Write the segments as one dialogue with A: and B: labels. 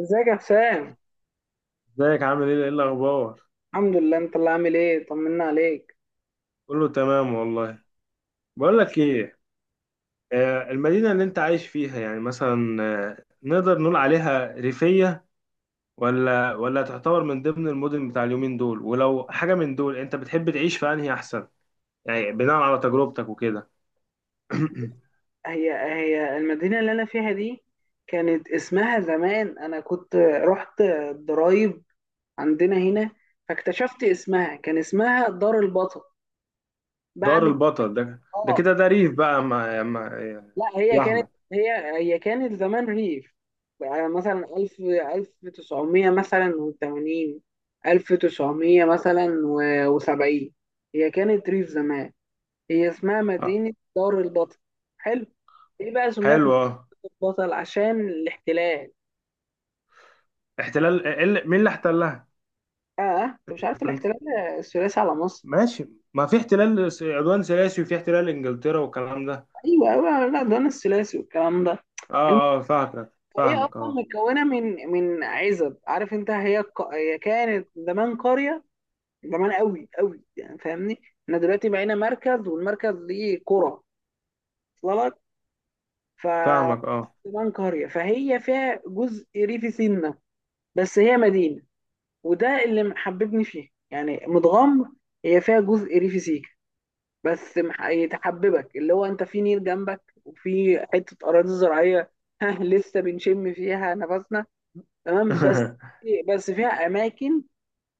A: ازيك يا حسام.
B: ازيك عامل ايه؟ ايه الاخبار؟
A: الحمد لله، انت اللي عامل ايه؟ طمنا عليك.
B: قول له تمام والله. بقول لك ايه. المدينه اللي انت عايش فيها يعني مثلا، نقدر نقول عليها ريفيه ولا تعتبر من ضمن المدن بتاع اليومين دول؟ ولو حاجه من دول انت بتحب تعيش في انهي احسن، يعني بناء على تجربتك وكده؟
A: هي المدينه اللي انا فيها دي كانت اسمها زمان، انا كنت رحت الضرايب عندنا هنا فاكتشفت اسمها، كان اسمها دار البطل
B: دار
A: بعد
B: البطل ده؟ ده
A: اه
B: كده ده ريف بقى، ما
A: لا، هي
B: يا
A: كانت،
B: احمد؟
A: هي كانت زمان ريف. يعني مثلا 1000 1900 مثلا و80، 1900 مثلا و70 هي كانت ريف زمان. هي اسمها
B: آه،
A: مدينة دار البطل. حلو. ايه بقى سميت
B: حلو،
A: مدينة
B: اه.
A: دار البطل؟ عشان الاحتلال.
B: احتلال؟ آه، مين اللي احتلها؟
A: اه انت مش عارف
B: الفرنس؟
A: الاحتلال الثلاثي على مصر؟
B: ماشي. ما في احتلال عدوان ثلاثي، وفي احتلال انجلترا والكلام ده.
A: ايوه ايوه، لا ده انا الثلاثي والكلام ده. الم-
B: اه، اه فاهمك،
A: هي
B: فاهمك
A: اصلا
B: اه،
A: متكونه من عزب، عارف انت؟ هي كانت زمان قريه، زمان قوي قوي يعني، فاهمني؟ احنا دلوقتي بقينا مركز، والمركز ليه قرى، وصل لك؟ ف
B: فاهمك اه.
A: زمان قريه، فهي فيها جزء ريفي سنه، بس هي مدينه. وده اللي محببني فيه يعني، متغمر. هي فيها جزء ريفي سيكا، بس يتحببك اللي هو انت في نيل جنبك، وفي حته اراضي زراعيه ها لسه بنشم فيها نفسنا. تمام بس. بس فيها اماكن،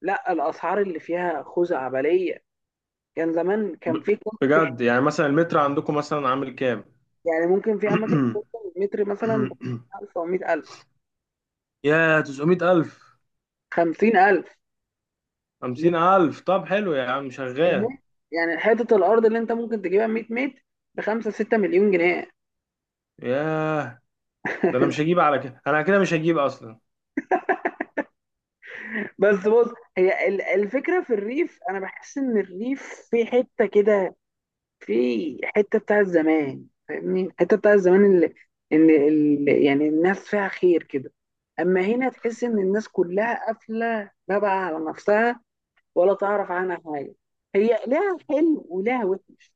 A: لا الاسعار اللي فيها خزعبليه. كان زمان كان
B: ب-
A: في، في
B: بجد؟ يعني مثلا المتر عندكم مثلا عامل كام؟
A: يعني ممكن، في اماكن توصل متر مثلا 1000 او 100000،
B: يا 900,000؟
A: 50000.
B: 50,000؟ طب حلو يا عم، شغال.
A: يعني حته الارض اللي انت ممكن تجيبها 100 متر ب 5 6 مليون جنيه.
B: ياه، ده انا مش هجيب على كده، انا كده مش هجيب اصلا.
A: بس بص، الفكرة في الريف، أنا بحس إن الريف في حتة كده، في حتة بتاع زمان، فاهمني؟ الحتة بتاع زمان اللي، يعني الناس فيها خير كده. أما هنا تحس إن الناس كلها قافلة لا بقى على نفسها ولا تعرف عنها حاجة. هي لها حلو ولها وحش.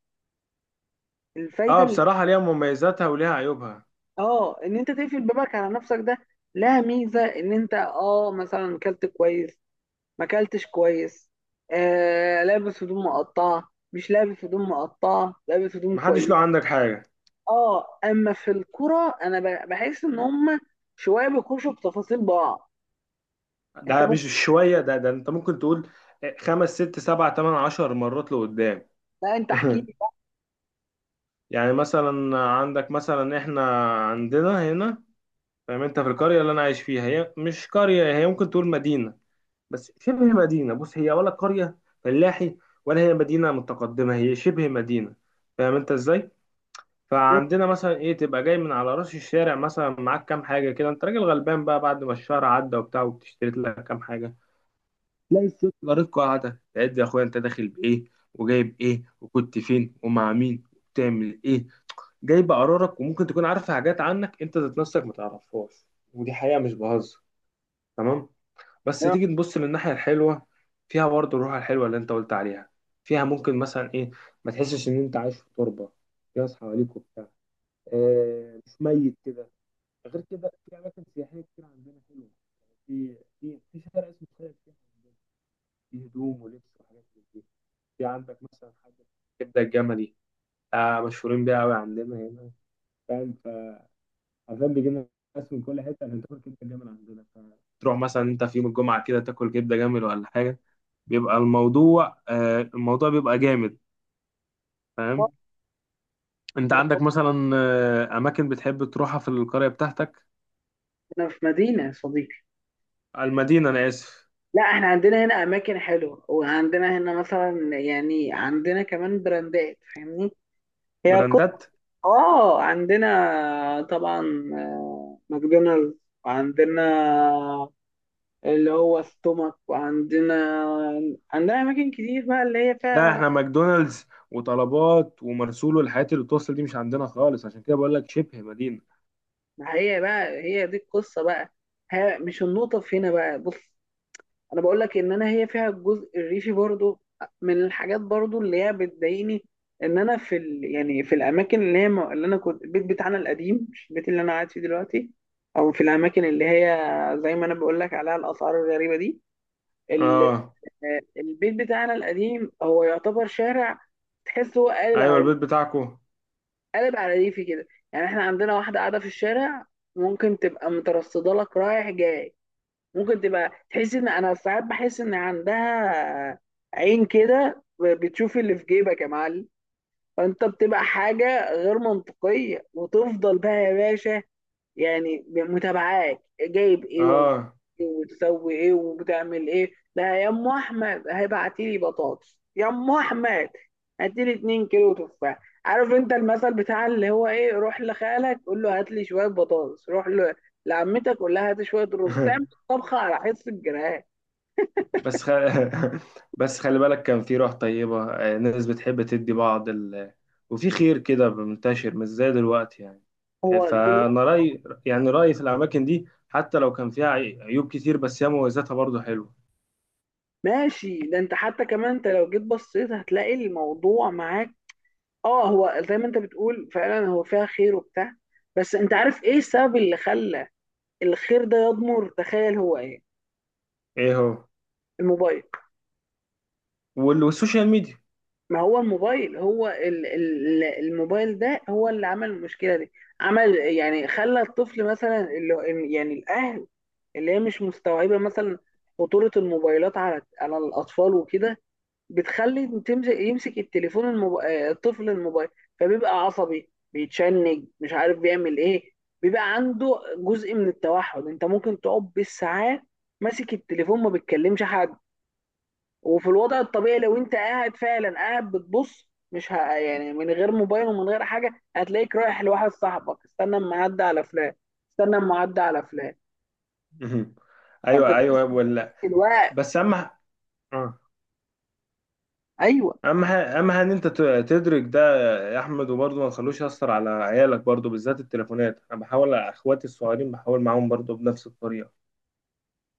A: الفايدة
B: اه،
A: اللي،
B: بصراحة ليها مميزاتها وليها عيوبها.
A: آه إن أنت تقفل بابك على نفسك ده لها ميزة، إن أنت آه مثلا كلت كويس ما اكلتش كويس، آه لابس هدوم مقطعه مش لابس هدوم مقطعه لابس هدوم
B: محدش
A: كويس.
B: له عندك حاجة.
A: اه اما في الكرة انا بحس ان هم شويه بيخشوا بتفاصيل بعض. انت
B: ده
A: ممكن،
B: مش شوية، ده انت ممكن تقول خمس، ست، سبع، تمن، عشر مرات لقدام.
A: لا انت احكي لي
B: يعني مثلا عندك، مثلا احنا عندنا هنا، فاهم انت؟ في القريه اللي انا عايش فيها، هي مش قريه، هي ممكن تقول مدينه، بس شبه مدينه. بص، هي ولا قريه فلاحي ولا هي مدينه متقدمه، هي شبه مدينه، فاهم انت ازاي؟
A: بقى.
B: فعندنا مثلا ايه، تبقى جاي من على راس الشارع مثلا معاك كام حاجه كده، انت راجل غلبان بقى بعد ما الشهر عدى وبتاع، وبتشتري لك كام حاجه، تلاقي الست جارتكوا قاعده تعد، يا اخويا انت داخل بايه، وجايب ايه، وكنت فين، ومع مين، وبتعمل ايه، جايبه قرارك، وممكن تكون عارفه حاجات عنك انت ذات نفسك ما تعرفهاش. ودي حقيقه مش بهزر. تمام. بس
A: يا
B: تيجي تبص للناحية الحلوة، فيها برضه الروح الحلوة اللي انت قلت عليها. فيها ممكن مثلا ايه، ما تحسش ان انت عايش في تربة، في ناس حواليك وبتاع، آه مش ميت كده. غير كده في اماكن سياحية كتير عندنا حلوة، في في شارع اسمه شارع السياحة عندنا، في هدوم ولبس وحاجات من دي. في عندك مثلا حاجة كبدة الجملي، آه مشهورين بيها قوي عندنا هنا، فاهم؟ فعشان بيجي لنا ناس من كل حتة عشان تاكل كبدة الجمل عندنا، فتروح مثلا انت في يوم الجمعة كده، تاكل كبدة جمل ولا حاجة، بيبقى الموضوع، آه، الموضوع بيبقى جامد،
A: أخبار؟
B: فاهم؟ انت عندك مثلا، آه، اماكن بتحب تروحها في القرية بتاعتك؟
A: احنا في مدينه يا صديقي.
B: المدينة، انا اسف.
A: لا احنا عندنا هنا اماكن حلوه، وعندنا هنا مثلا يعني عندنا كمان براندات فاهمني. هي كو...
B: براندات.
A: اه عندنا طبعا آه، ماكدونالدز، وعندنا اللي هو ستومك، وعندنا، عندنا أماكن كتير بقى اللي هي
B: لا
A: فيها.
B: احنا ماكدونالدز وطلبات ومرسول والحاجات اللي بتوصل دي مش عندنا خالص، عشان كده بقول لك شبه مدينة.
A: ما هي بقى هي دي القصة بقى. ها مش النقطة في هنا بقى، بص، أنا بقول لك إن أنا هي فيها الجزء الريفي برضو. من الحاجات برضو اللي هي بتضايقني، إن أنا في يعني في الأماكن اللي هي اللي أنا كنت، البيت بتاعنا القديم مش البيت اللي أنا قاعد فيه دلوقتي، أو في الأماكن اللي هي زي ما أنا بقول لك عليها، الأسعار الغريبة دي. ال...
B: اه.
A: البيت بتاعنا القديم هو يعتبر شارع تحسه هو
B: ايوه،
A: قالب،
B: البيت بتاعكو.
A: قلب على ريفي كده يعني. احنا عندنا واحدة قاعدة في الشارع ممكن تبقى مترصدة لك رايح جاي، ممكن تبقى تحس ان انا، ساعات بحس ان عندها عين كده بتشوف اللي في جيبك يا معلم. فانت بتبقى حاجة غير منطقية، وتفضل بقى يا باشا يعني متابعاك جايب ايه
B: اه.
A: وتسوي ايه وبتعمل ايه. لا يا ام احمد هيبعتي لي بطاطس، يا ام احمد هاتي لي 2 كيلو تفاح. عارف انت المثل بتاع اللي هو ايه، روح لخالك قول له هات لي شويه بطاطس، روح لعمتك قول لها هات شويه رز تعمل طبخه على حس الجيران.
B: بس خ... بس خلي بالك، كان في روح طيبة، آه، ناس بتحب تدي بعض وفي خير كده منتشر، مش زي دلوقتي يعني. آه،
A: هو
B: فأنا
A: دلوقتي،
B: رأيي، يعني رأيي في الأماكن دي، حتى لو كان فيها عيوب كتير، بس هي مميزاتها برضه حلوة.
A: ماشي ده انت حتى كمان انت لو جيت بصيت هتلاقي الموضوع معاك. اه هو زي ما انت بتقول فعلا، هو فيها خير وبتاع، بس انت عارف ايه السبب اللي خلى الخير ده يضمر؟ تخيل هو ايه؟
B: إيه هو؟
A: الموبايل.
B: والسوشيال ميديا.
A: ما هو الموبايل هو الموبايل ده هو اللي عمل المشكلة دي. عمل يعني خلى الطفل مثلا، اللي يعني الأهل اللي هي مش مستوعبة مثلا خطورة الموبايلات على على الأطفال وكده، بتخلي تمسك، يمسك التليفون، الموب... آه، الطفل الموبايل، فبيبقى عصبي، بيتشنج، مش عارف بيعمل إيه، بيبقى عنده جزء من التوحد. أنت ممكن تقعد بالساعات ماسك التليفون ما بتكلمش حد. وفي الوضع الطبيعي، لو انت قاعد فعلا، قاعد بتبص مش يعني من غير موبايل ومن غير حاجه، هتلاقيك رايح لواحد صاحبك، استنى اما اعدي على فلان، استنى اما اعدي على فلان،
B: مهم.
A: يعني انت
B: أيوه أيوه
A: تحس
B: ولا،
A: الوقت.
B: بس أهم ح- آه.
A: ايوه،
B: أهم حاجة إن أنت تدرك ده يا أحمد. وبرضه ما تخلوش يأثر على عيالك برضه، بالذات التليفونات. أنا بحاول على إخواتي الصغيرين، بحاول معاهم برضه بنفس الطريقة،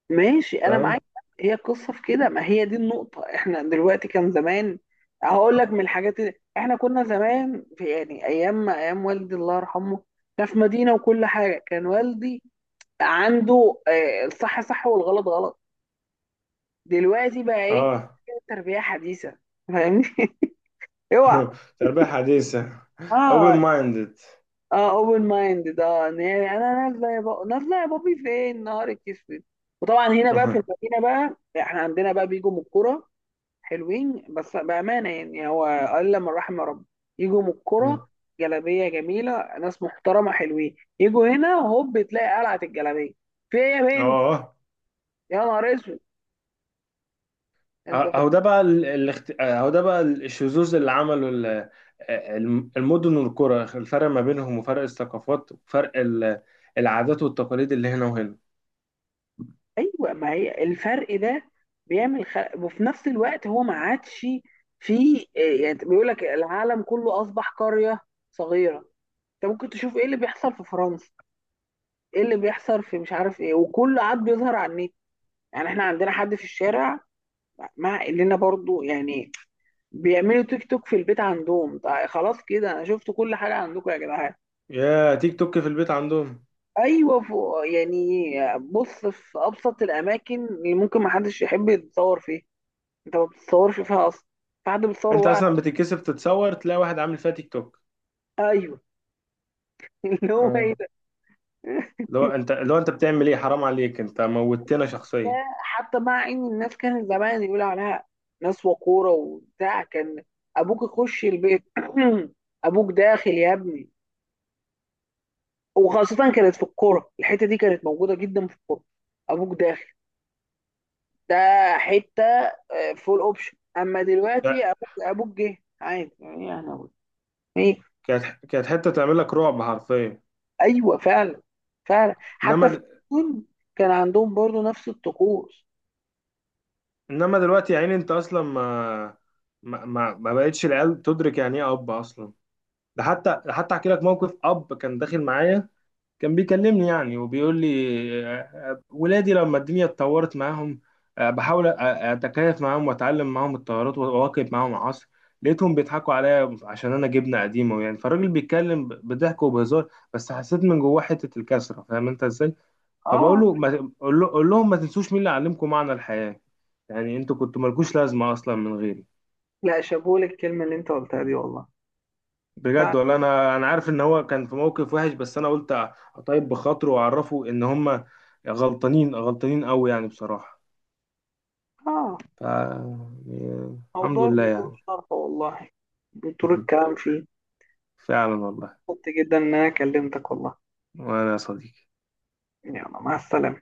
A: ماشي انا معاك.
B: فاهم؟
A: هي القصه في كده، ما هي دي النقطه. احنا دلوقتي كان زمان، هقول لك من الحاجات اللي احنا كنا زمان في، يعني ايام ايام والدي الله يرحمه، ده في مدينه وكل حاجه، كان والدي عنده آه، الصح صح والغلط غلط. دلوقتي بقى ايه؟
B: اه.
A: تربية حديثة، فاهمني؟ اوعى.
B: تربية حديثة. open
A: اه
B: minded.
A: اه اوبن مايند ده، إن هي انا نازله يا بابا، نازله يا بابي، فين؟ نهارك اسود. وطبعا هنا بقى في المدينه بقى، احنا عندنا بقى بيجوا من الكوره، حلوين بس بامانه يعني، هو الا من رحم ربي، يجوا من الكوره جلابيه جميله، ناس محترمه حلوين، يجوا هنا هوب تلاقي قلعه الجلابيه، في ايه يا بنت؟
B: اه.
A: يا نهار اسود انت.
B: اهو ده بقى اهو ده بقى الشذوذ اللي عمله المدن والقرى، الفرق ما بينهم، وفرق الثقافات، وفرق العادات والتقاليد اللي هنا وهنا.
A: ايوه ما هي الفرق ده بيعمل خلق، وفي نفس الوقت هو ما عادش في إيه، يعني بيقول لك العالم كله اصبح قريه صغيره، انت ممكن تشوف ايه اللي بيحصل في فرنسا، ايه اللي بيحصل في مش عارف ايه، وكل عاد بيظهر على النت. يعني احنا عندنا حد في الشارع، مع اننا برضو يعني، بيعملوا تيك توك في البيت عندهم، طيب خلاص كده انا شفت كل حاجه عندكم يا جدعان.
B: يا تيك توك في البيت عندهم!
A: ايوه فوق يعني، بص، في ابسط الاماكن اللي ممكن ما حدش يحب يتصور فيها، انت ما بتتصورش فيها اصلا، في حد بيتصور،
B: انت
A: وقع.
B: اصلا بتتكسف تتصور، تلاقي واحد عامل فيها تيك توك.
A: ايوه اللي هو
B: اه.
A: ايه ده.
B: لو انت، لو انت بتعمل ايه؟ حرام عليك، انت موتنا
A: ده
B: شخصيا.
A: حتى مع ان الناس كانت زمان يقول عليها ناس وقوره وبتاع، كان ابوك يخش البيت ابوك داخل يا ابني، وخاصه كانت في الكوره، الحته دي كانت موجوده جدا في الكوره، ابوك داخل، ده حته فول اوبشن. اما دلوقتي
B: لا،
A: ابوك جه عادي، يعني انا أقول ايه.
B: كانت، كانت حتة تعمل لك رعب حرفيا.
A: ايوه فعلا، فعلا. حتى في
B: انما،
A: الجون كان عندهم برضو نفس الطقوس.
B: انما دلوقتي يا عيني، انت اصلا ما بقتش العيال تدرك يعني ايه اب اصلا. ده حتى، ده حتى احكي لك موقف اب كان داخل معايا، كان بيكلمني يعني وبيقول لي، آه، آه، ولادي لما الدنيا اتطورت معاهم، آه، بحاول اتكيف معاهم واتعلم معاهم التغيرات واواكب معاهم العصر، لقيتهم بيضحكوا عليا عشان انا جبنه قديمه يعني. فالراجل بيتكلم بضحك وبهزار، بس حسيت من جواه حته الكسره، فاهم انت ازاي؟ فبقول
A: اه
B: له، ما قول له- قول لهم ما تنسوش مين اللي علمكم معنى الحياة، يعني انتوا كنتوا مالكوش لازمة اصلا من غيري.
A: لا شابوه للكلمة اللي انت قلتها دي والله. فعلا.
B: بجد، ولا انا، انا عارف ان هو كان في موقف وحش، بس انا قلت اطيب بخاطره، واعرفه ان هم غلطانين، غلطانين قوي يعني بصراحة.
A: اه
B: ف يعني الحمد
A: موضوع
B: لله
A: بيقول
B: يعني.
A: شرحه والله، بطول الكلام فيه.
B: فعلا والله.
A: مبسوط جدا ان انا كلمتك والله.
B: وانا يا صديقي.
A: يلا مع السلامة.